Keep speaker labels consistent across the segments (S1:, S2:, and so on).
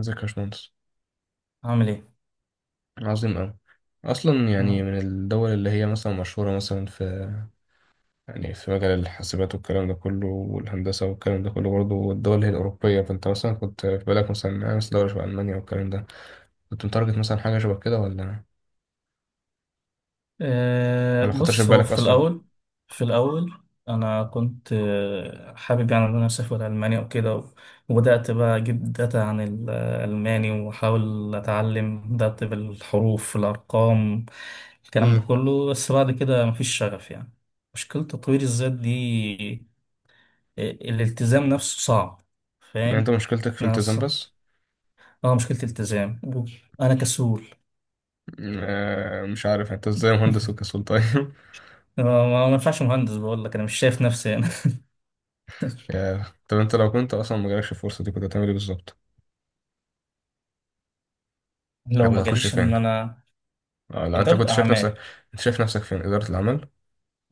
S1: ازيك يا باشمهندس.
S2: هعمل ايه.
S1: عظيم أوي. أصلا يعني
S2: آه.
S1: من الدول اللي هي مثلا مشهورة مثلا في، يعني في مجال الحاسبات والكلام ده كله والهندسة والكلام ده كله برضه، الدول اللي هي الأوروبية، فأنت مثلا كنت في بالك مثلا دولة شبه ألمانيا والكلام ده، كنت متارجت مثلا حاجة شبه كده ولا ولا خطرش في
S2: بص هو
S1: بالك
S2: في
S1: أصلا؟
S2: الاول. في الاول انا كنت حابب يعني ان انا اسافر المانيا وكده. وبدات بقى اجيب داتا عن الالماني واحاول اتعلم، بدات بالحروف، الارقام، الكلام ده
S1: امم.
S2: كله، بس بعد كده مفيش شغف. يعني مشكله تطوير الذات دي، الالتزام نفسه صعب.
S1: يعني أنت
S2: فاهم؟
S1: مشكلتك في الالتزام
S2: ناس.
S1: بس؟
S2: اه، مشكله التزام. انا كسول.
S1: آه، مش عارف أنت إزاي مهندس وكسول طيب
S2: ما ينفعش مهندس، بقول لك انا مش شايف نفسي.
S1: يا، طب أنت لو كنت أصلا مجالكش الفرصة دي كنت هتعمل إيه بالظبط؟ أنا
S2: لو
S1: كنت
S2: ما
S1: هخش
S2: جاليش
S1: فين؟
S2: ان انا،
S1: آه، لو أنت كنت
S2: اداره
S1: شايف نفسك.
S2: اعمال.
S1: أنت شايف نفسك فين؟ إدارة العمل؟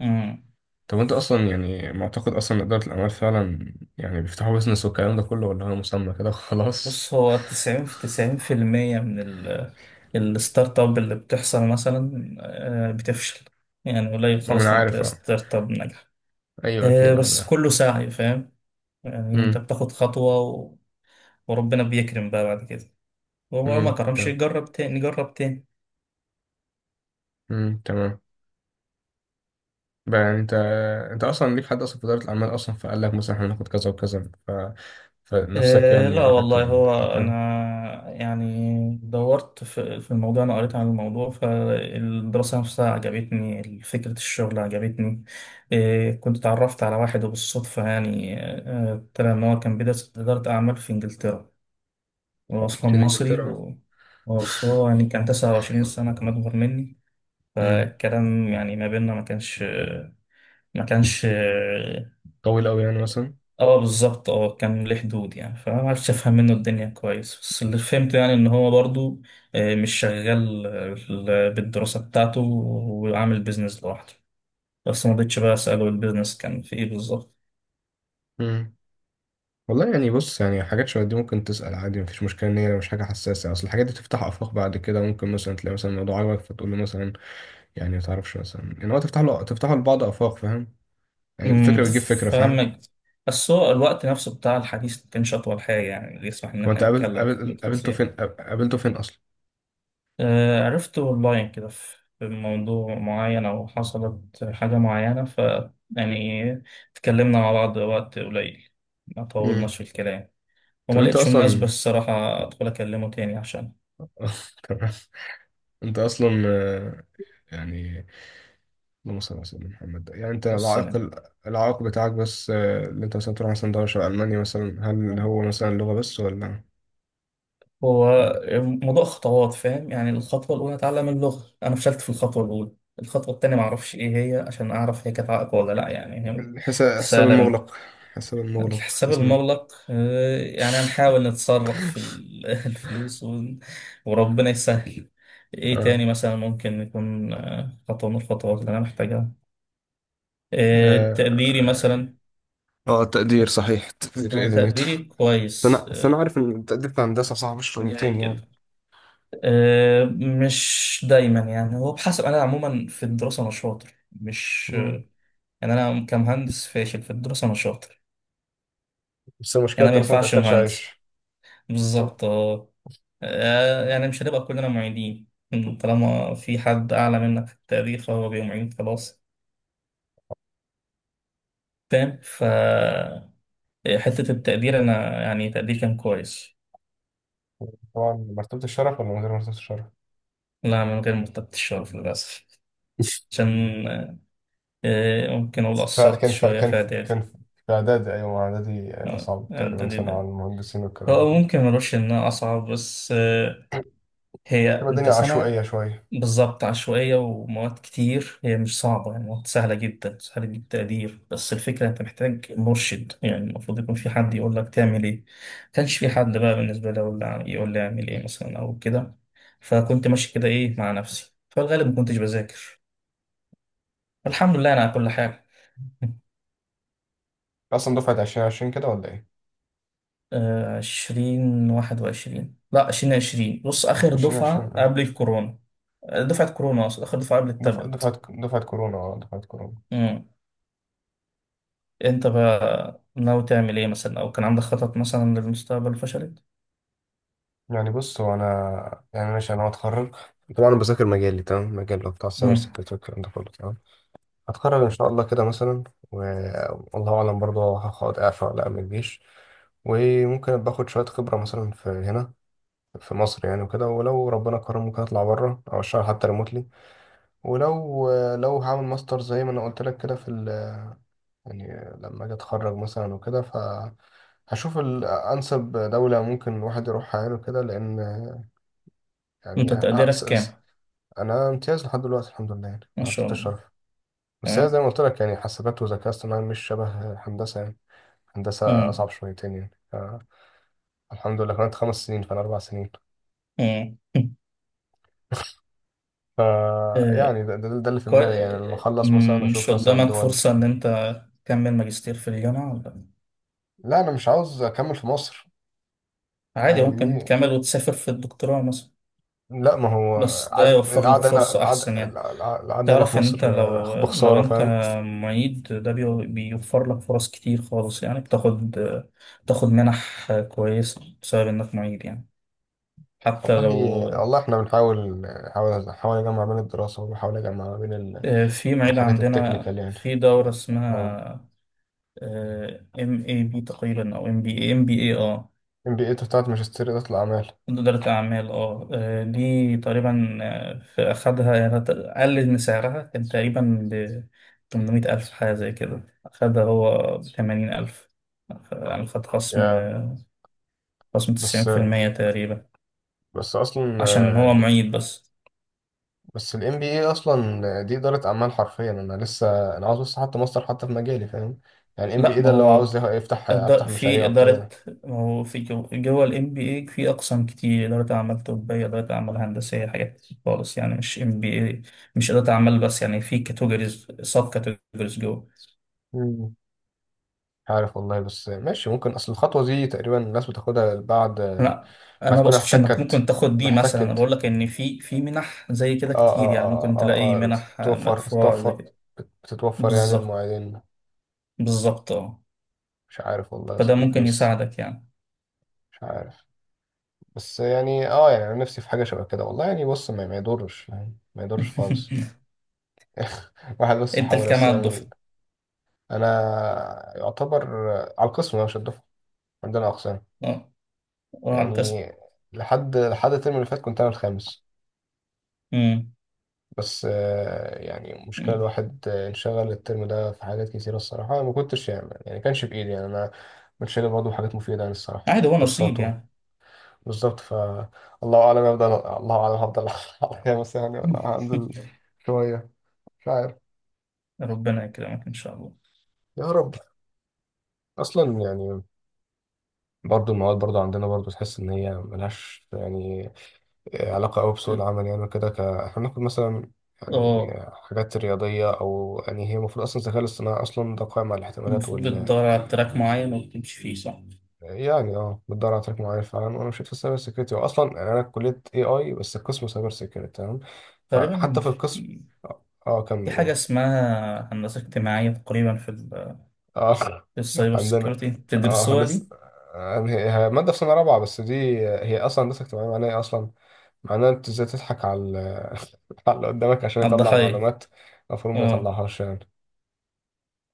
S2: امم.
S1: طب انت اصلا يعني معتقد اصلا ان اداره الاعمال فعلا يعني بيفتحوا بيزنس والكلام ده كله، ولا هو مسمى كده خلاص؟
S2: بص، هو 90 في 90% من الستارت اب اللي بتحصل، مثلا، بتفشل. يعني قليل
S1: ما
S2: خالص
S1: انا
S2: لما
S1: عارف،
S2: تلاقي
S1: اه.
S2: ستارت اب ناجح.
S1: ايوه اكيد، اه
S2: بس
S1: ده.
S2: كله سعي، فاهم؟ يعني انت
S1: امم.
S2: بتاخد خطوه وربنا بيكرم بقى بعد كده. وهو ما
S1: امم،
S2: كرمش،
S1: تمام.
S2: يجرب تاني، جرب تاني.
S1: امم، تمام. بقى يعني انت، انت اصلا ليك حد اصلا في اداره الاعمال اصلا فقال لك مثلا احنا هناخد كذا وكذا ف... فنفسك
S2: إيه،
S1: يعني
S2: لا
S1: راحت
S2: والله،
S1: ناحية
S2: هو أنا
S1: الكلام؟
S2: يعني دورت في الموضوع، أنا قريت عن الموضوع، فالدراسة نفسها عجبتني، فكرة الشغل عجبتني. إيه، كنت اتعرفت على واحد وبالصدفة، يعني طلع إن هو كان بيدرس إدارة أعمال في إنجلترا. هو أصلا
S1: عشان
S2: مصري
S1: انجلترا.
S2: بس هو يعني كان 29 سنة، كان أكبر مني.
S1: امم.
S2: فالكلام يعني ما بيننا ما كانش، ما كانش.
S1: طويل قوي يعني مثلا.
S2: اه، بالظبط. اه، كان ليه حدود يعني، فما عرفتش افهم منه الدنيا كويس، بس اللي فهمته يعني ان هو برضو مش شغال بالدراسة بتاعته، وعامل بيزنس لوحده. بس ما رضيتش بقى اساله البيزنس كان في ايه بالظبط.
S1: والله يعني بص، يعني حاجات شبه دي ممكن تسأل عادي، مفيش مشكلة إن هي مش حاجة حساسة، أصل الحاجات دي تفتح آفاق بعد كده، ممكن مثلا تلاقي مثلا الموضوع عجبك فتقول له مثلا، يعني متعرفش مثلا، يعني هو تفتح له تفتحه لبعض آفاق، فاهم؟ يعني
S2: امم.
S1: الفكرة بتجيب فكرة، فاهم؟
S2: فاهمك. بس هو الوقت نفسه بتاع الحديث ما كانش اطول حاجة يعني اللي يسمح ان
S1: هو أنت
S2: احنا
S1: قابل
S2: نتكلم في
S1: قابل قابلته فين؟
S2: التفاصيل.
S1: قابلته فين أصلا؟
S2: عرفت أونلاين كده في موضوع معين، أو حصلت حاجة معينة، ف يعني اتكلمنا مع بعض وقت قليل، ما طولناش
S1: امم.
S2: في الكلام،
S1: طب
S2: وما
S1: أنت
S2: لقيتش مناسبة
S1: أصلا،
S2: الصراحة أدخل أكلمه تاني، عشان.
S1: تمام. أنت أصلا آه، يعني، اللهم صل على سيدنا محمد، يعني أنت
S2: بس أنا،
S1: العائق، العائق بتاعك بس آه، اللي أنت مثلا تروح مثلا دولة شبه ألمانيا مثلا، هل هو مثلا اللغة بس ولا؟
S2: هو موضوع خطوات، فاهم؟ يعني الخطوة الأولى أتعلم اللغة، أنا فشلت في الخطوة الأولى. الخطوة التانية معرفش إيه هي عشان أعرف هي كانت عائق ولا لأ. يعني هي
S1: الحساب، حساب
S2: سهلة.
S1: المغلق. حساب المغلق
S2: الحساب
S1: تسمع؟
S2: المغلق، يعني هنحاول نتصرف في الفلوس، وربنا يسهل. ايه
S1: اه،
S2: تاني مثلا ممكن يكون خطوة من الخطوات اللي انا محتاجها؟ تقديري
S1: اه،
S2: مثلا.
S1: آه، تقدير صحيح. تقدير إيه، نيوتن؟
S2: تقديري كويس،
S1: انا بس انا عارف ان التقدير في الهندسه صعب شويتين
S2: جاي
S1: يعني.
S2: كده. مش دايما يعني، هو بحسب، انا عموما في الدراسة انا شاطر، مش
S1: مم.
S2: يعني انا كمهندس فاشل، في الدراسة انا شاطر.
S1: بس المشكله
S2: يعني انا ما
S1: الدراسه ما
S2: ينفعش
S1: بتاكلش
S2: مهندس،
S1: عيش. بس
S2: بالظبط اه. يعني مش هنبقى كلنا معيدين، طالما في حد أعلى منك في التقدير فهو بيبقى معيد خلاص. فاهم؟ ف حتة التقدير أنا يعني تقديري كان كويس.
S1: طبعا، مرتبه الشرف ولا من غير مرتبه الشرف؟
S2: لا، من غير مرتبة الشرف للأسف. عشان ممكن أقول قصرت
S1: فكان ف...
S2: شوية
S1: كان
S2: في
S1: ف...
S2: إعدادي.
S1: كان ف... في اعدادي، ايوه، اعدادي اصعب تقريبا
S2: إعدادي
S1: سنه على
S2: ده
S1: المهندسين والكلام ده
S2: هو
S1: كله.
S2: ممكن ملوش إنها أصعب، بس هي،
S1: تبقى
S2: أنت
S1: الدنيا
S2: سنة،
S1: عشوائيه شويه.
S2: بالظبط، عشوائية ومواد كتير، هي مش صعبة يعني، مواد سهلة جدا، سهلة التقدير، بس الفكرة أنت محتاج مرشد يعني، المفروض يكون في حد يقول لك تعمل إيه. كانش في حد بقى بالنسبة لي يقول لي أعمل إيه مثلا أو كده. فكنت ماشي كده، إيه، مع نفسي، فالغالب ما كنتش بذاكر. الحمد لله أنا على كل حاجة.
S1: اصلا دفعه 2020 كده ولا ايه؟
S2: عشرين واحد وعشرين، لا عشرين عشرين، بص، آخر
S1: 2020،
S2: دفعة
S1: اه.
S2: قبل الكورونا. دفعة كورونا أقصد، آخر دفعة قبل
S1: دفعه دفعه
S2: التابلت.
S1: دفعه كورونا. اه، دفعه كورونا.
S2: انت بقى ناوي تعمل ايه مثلا، او كان عندك خطط مثلا للمستقبل فشلت؟
S1: يعني بص، هو انا يعني ماشي، انا هتخرج، طبعا انا بذاكر مجالي تمام، مجال اللي هو بتاع السايبر
S2: مم.
S1: سيكيورتي والكلام ده كله تمام. هتخرج ان شاء الله كده مثلا، والله اعلم برضه هقعد اعفى ولا اعمل جيش. وممكن ابقى اخد شويه خبره مثلا في هنا، في مصر يعني وكده، ولو ربنا كرم ممكن اطلع بره او اشتغل حتى ريموتلي. ولو، لو هعمل ماستر زي ما انا قلت لك كده في ال... يعني لما اجي اتخرج مثلا وكده، ف هشوف الأنسب دولة ممكن الواحد يروحها يعني كده. لأن
S2: انت
S1: يعني
S2: تقديرك
S1: لسه.
S2: كام؟
S1: انا امتياز لحد دلوقتي الحمد لله يعني،
S2: ان
S1: ما
S2: شاء
S1: عرفتش
S2: الله.
S1: الشرف. بس هي زي
S2: تمام.
S1: ما قلت لك يعني، حاسبات وذكاء اصطناعي مش شبه هندسه يعني. هندسه
S2: مم.
S1: اصعب شويتين يعني، ف- الحمد لله، كانت خمس سنين فانا اربع سنين.
S2: مم.
S1: ف،
S2: آه،
S1: يعني ده اللي في
S2: كوي...
S1: دماغي، يعني لما
S2: آه،
S1: اخلص مثلا
S2: مم، مش
S1: اشوف مثلا
S2: قدامك
S1: الدول.
S2: فرصة ان انت تكمل ماجستير في الجامعة ولا؟
S1: لا، انا مش عاوز اكمل في مصر.
S2: عادي،
S1: يعني
S2: ممكن
S1: دي،
S2: تكمل وتسافر في الدكتوراه مثلا.
S1: لا ما هو،
S2: بس ده
S1: عارف
S2: يوفر لك
S1: القعده هنا،
S2: فرصة احسن
S1: القعده
S2: يعني.
S1: القعده القعدة هنا في
S2: تعرف ان
S1: مصر
S2: انت،
S1: آه،
S2: لو
S1: بخساره،
S2: انت
S1: فاهم؟
S2: معيد، ده بيوفر لك فرص كتير خالص يعني، بتاخد منح كويسة بسبب انك معيد يعني. حتى
S1: والله،
S2: لو
S1: والله احنا بنحاول، نحاول اجمع بين الدراسه، وبحاول اجمع بين
S2: في معيد
S1: الحاجات
S2: عندنا
S1: التكنيكال يعني.
S2: في دورة
S1: اه،
S2: اسمها ام اي بي تقريبا، او ام بي اي، ام بي اي، اه
S1: ام بي اي بتاعت ماجستير إدارة الأعمال.
S2: إدارة أعمال، اه. دي تقريبا، في أخدها يعني، قلل من سعرها، كان تقريبا ب 800 ألف حاجة زي كده، أخدها هو بثمانين ألف، يعني خد خصم
S1: يا،
S2: خصم
S1: بس،
S2: تسعين في المية تقريبا،
S1: بس أصلا
S2: عشان
S1: آه،
S2: هو
S1: يعني،
S2: معيد بس.
S1: بس الام بي اي أصلا دي إدارة أعمال حرفيا، أنا لسه أنا عاوز بس حتى ماستر حتى في مجالي، فاهم؟ يعني الام بي اي
S2: لأ،
S1: ده
S2: ما
S1: اللي هو
S2: هو
S1: عاوز يفتح،
S2: إد-
S1: أفتح
S2: في
S1: مشاريع وبتاع
S2: إدارة،
S1: ده.
S2: هو في جوه ال MBA في أقسام كتير، إدارة أعمال طبية، إدارة أعمال هندسية، حاجات كتير خالص يعني، مش MBA مش إدارة أعمال بس يعني، في كاتيجوريز، سب كاتيجوريز جوه.
S1: مم. عارف والله، بس ماشي، ممكن أصل الخطوة دي تقريبا الناس بتاخدها بعد
S2: لا، أنا
S1: ما
S2: ما
S1: تكون
S2: بقصدش إنك ممكن
S1: احتكت،
S2: تاخد دي مثلا، أنا
S1: محتكت،
S2: بقول لك إن في منح زي كده
S1: اه
S2: كتير
S1: اه
S2: يعني،
S1: اه
S2: ممكن
S1: اه
S2: تلاقي
S1: اه، آه،
S2: منح
S1: بتتوفر،
S2: مدفوعة زي
S1: بتتوفر
S2: كده.
S1: بتتوفر يعني
S2: بالظبط.
S1: المواعيدين.
S2: بالظبط، أه.
S1: مش عارف والله يا
S2: فده
S1: صديقي،
S2: ممكن
S1: بس
S2: يساعدك يعني.
S1: مش عارف. بس يعني اه، يعني انا نفسي في حاجه شبه كده والله، يعني بص، ما يضرش يعني، ما يضرش خالص. واحد بس
S2: أنت
S1: حاول
S2: الكام
S1: بس
S2: على
S1: يعمل.
S2: الدفعة؟
S1: انا يعتبر على القسم، انا مش الدفعه، عندنا اقسام
S2: أه، وعلى القسم؟
S1: يعني. لحد، لحد الترم اللي فات كنت انا الخامس،
S2: أمم.
S1: بس آه، يعني مشكله
S2: أمم.
S1: الواحد آه، انشغل الترم ده في حاجات كتيره، الصراحه أنا ما كنتش يعني، يعني كانش بايدي يعني، انا كنت شايل برضه حاجات مفيده يعني الصراحه، يعني
S2: عادي،
S1: في
S2: هو نصيب
S1: كورساته.
S2: يعني.
S1: بالظبط، ف الله اعلم هفضل، الله اعلم هفضل عليا مثلا يعني، ولا هنزل شويه، مش عارف.
S2: ربنا يكرمك إن شاء الله.
S1: يا رب. اصلا يعني، برضو المواد برضو عندنا برضو تحس ان هي ملهاش يعني علاقه قوي بسوق العمل يعني، وكده ك... احنا بناخد مثلا يعني
S2: اه،
S1: حاجات رياضيه، او يعني هي المفروض اصلا الذكاء الاصطناعي اصلا ده قائم على الاحتمالات
S2: المفروض
S1: وال،
S2: بتدور على تراك معين وبتمشي فيه، صح؟
S1: يعني اه بتدور على تراك معين فعلا، وانا مشيت في السايبر سيكيورتي، واصلا يعني انا كليه اي اي بس القسم سايبر سيكيورتي تمام. فحتى
S2: تقريبا،
S1: في القسم،
S2: في
S1: اه آه،
S2: في
S1: كمل.
S2: حاجة اسمها هندسة اجتماعية تقريبا في ال،
S1: اه
S2: في السايبر
S1: عندنا،
S2: سيكيورتي
S1: اه
S2: بتدرسوها
S1: هندسة،
S2: دي؟
S1: آه، هي مادة في سنة رابعة بس دي. هي أصلا هندسة اجتماعية معناها إيه أصلا؟ معناها أنت إزاي تضحك على ال-، على اللي قدامك عشان
S2: على
S1: يطلع
S2: الضحايا.
S1: معلومات المفروض ما
S2: اه.
S1: يطلعهاش يعني.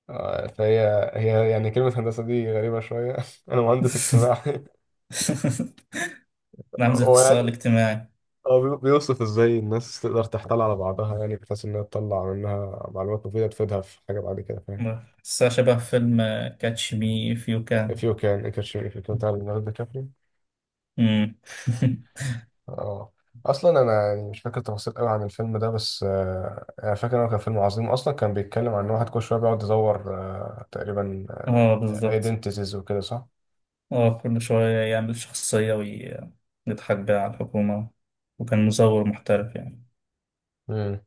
S1: آه، فهي، هي يعني كلمة هندسة دي غريبة شوية، أنا مهندس اجتماعي.
S2: نعم، زي
S1: هو
S2: القصة
S1: يعني،
S2: الاجتماعي.
S1: هو بيوصف إزاي الناس تقدر تحتال على بعضها، يعني بحيث إنها تطلع منها معلومات مفيدة تفيدها في حاجة بعد كده، فاهم؟
S2: قصة شبه فيلم كاتش مي اف يو
S1: If
S2: كان.
S1: you can, it can, if you can tell another country. اه، اصلا انا يعني مش فاكر تفاصيل قوي عن الفيلم ده، بس آه، انا فاكر انه كان فيلم عظيم، اصلا كان بيتكلم عن ان واحد كل شويه بيقعد يدور آه، تقريبا
S2: اه، بالظبط.
S1: ايدنتيتيز وكده، صح؟
S2: اه، كل شوية يعمل شخصية ويضحك بيها على الحكومة، وكان مزور محترف يعني،
S1: امم.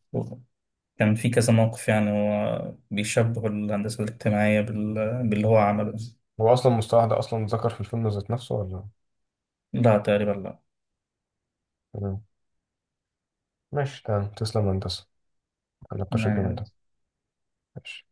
S2: كان في كذا موقف يعني، هو بيشبه الهندسة الاجتماعية بال... باللي هو عمله.
S1: هو اصلا المصطلح ده اصلا اتذكر في الفيلم ذات نفسه ولا؟
S2: لا تقريبا، لا.
S1: مم. ماشي، تمام، تسلم يا هندسه على النقاش الجميل
S2: يعني
S1: ده. ماشي.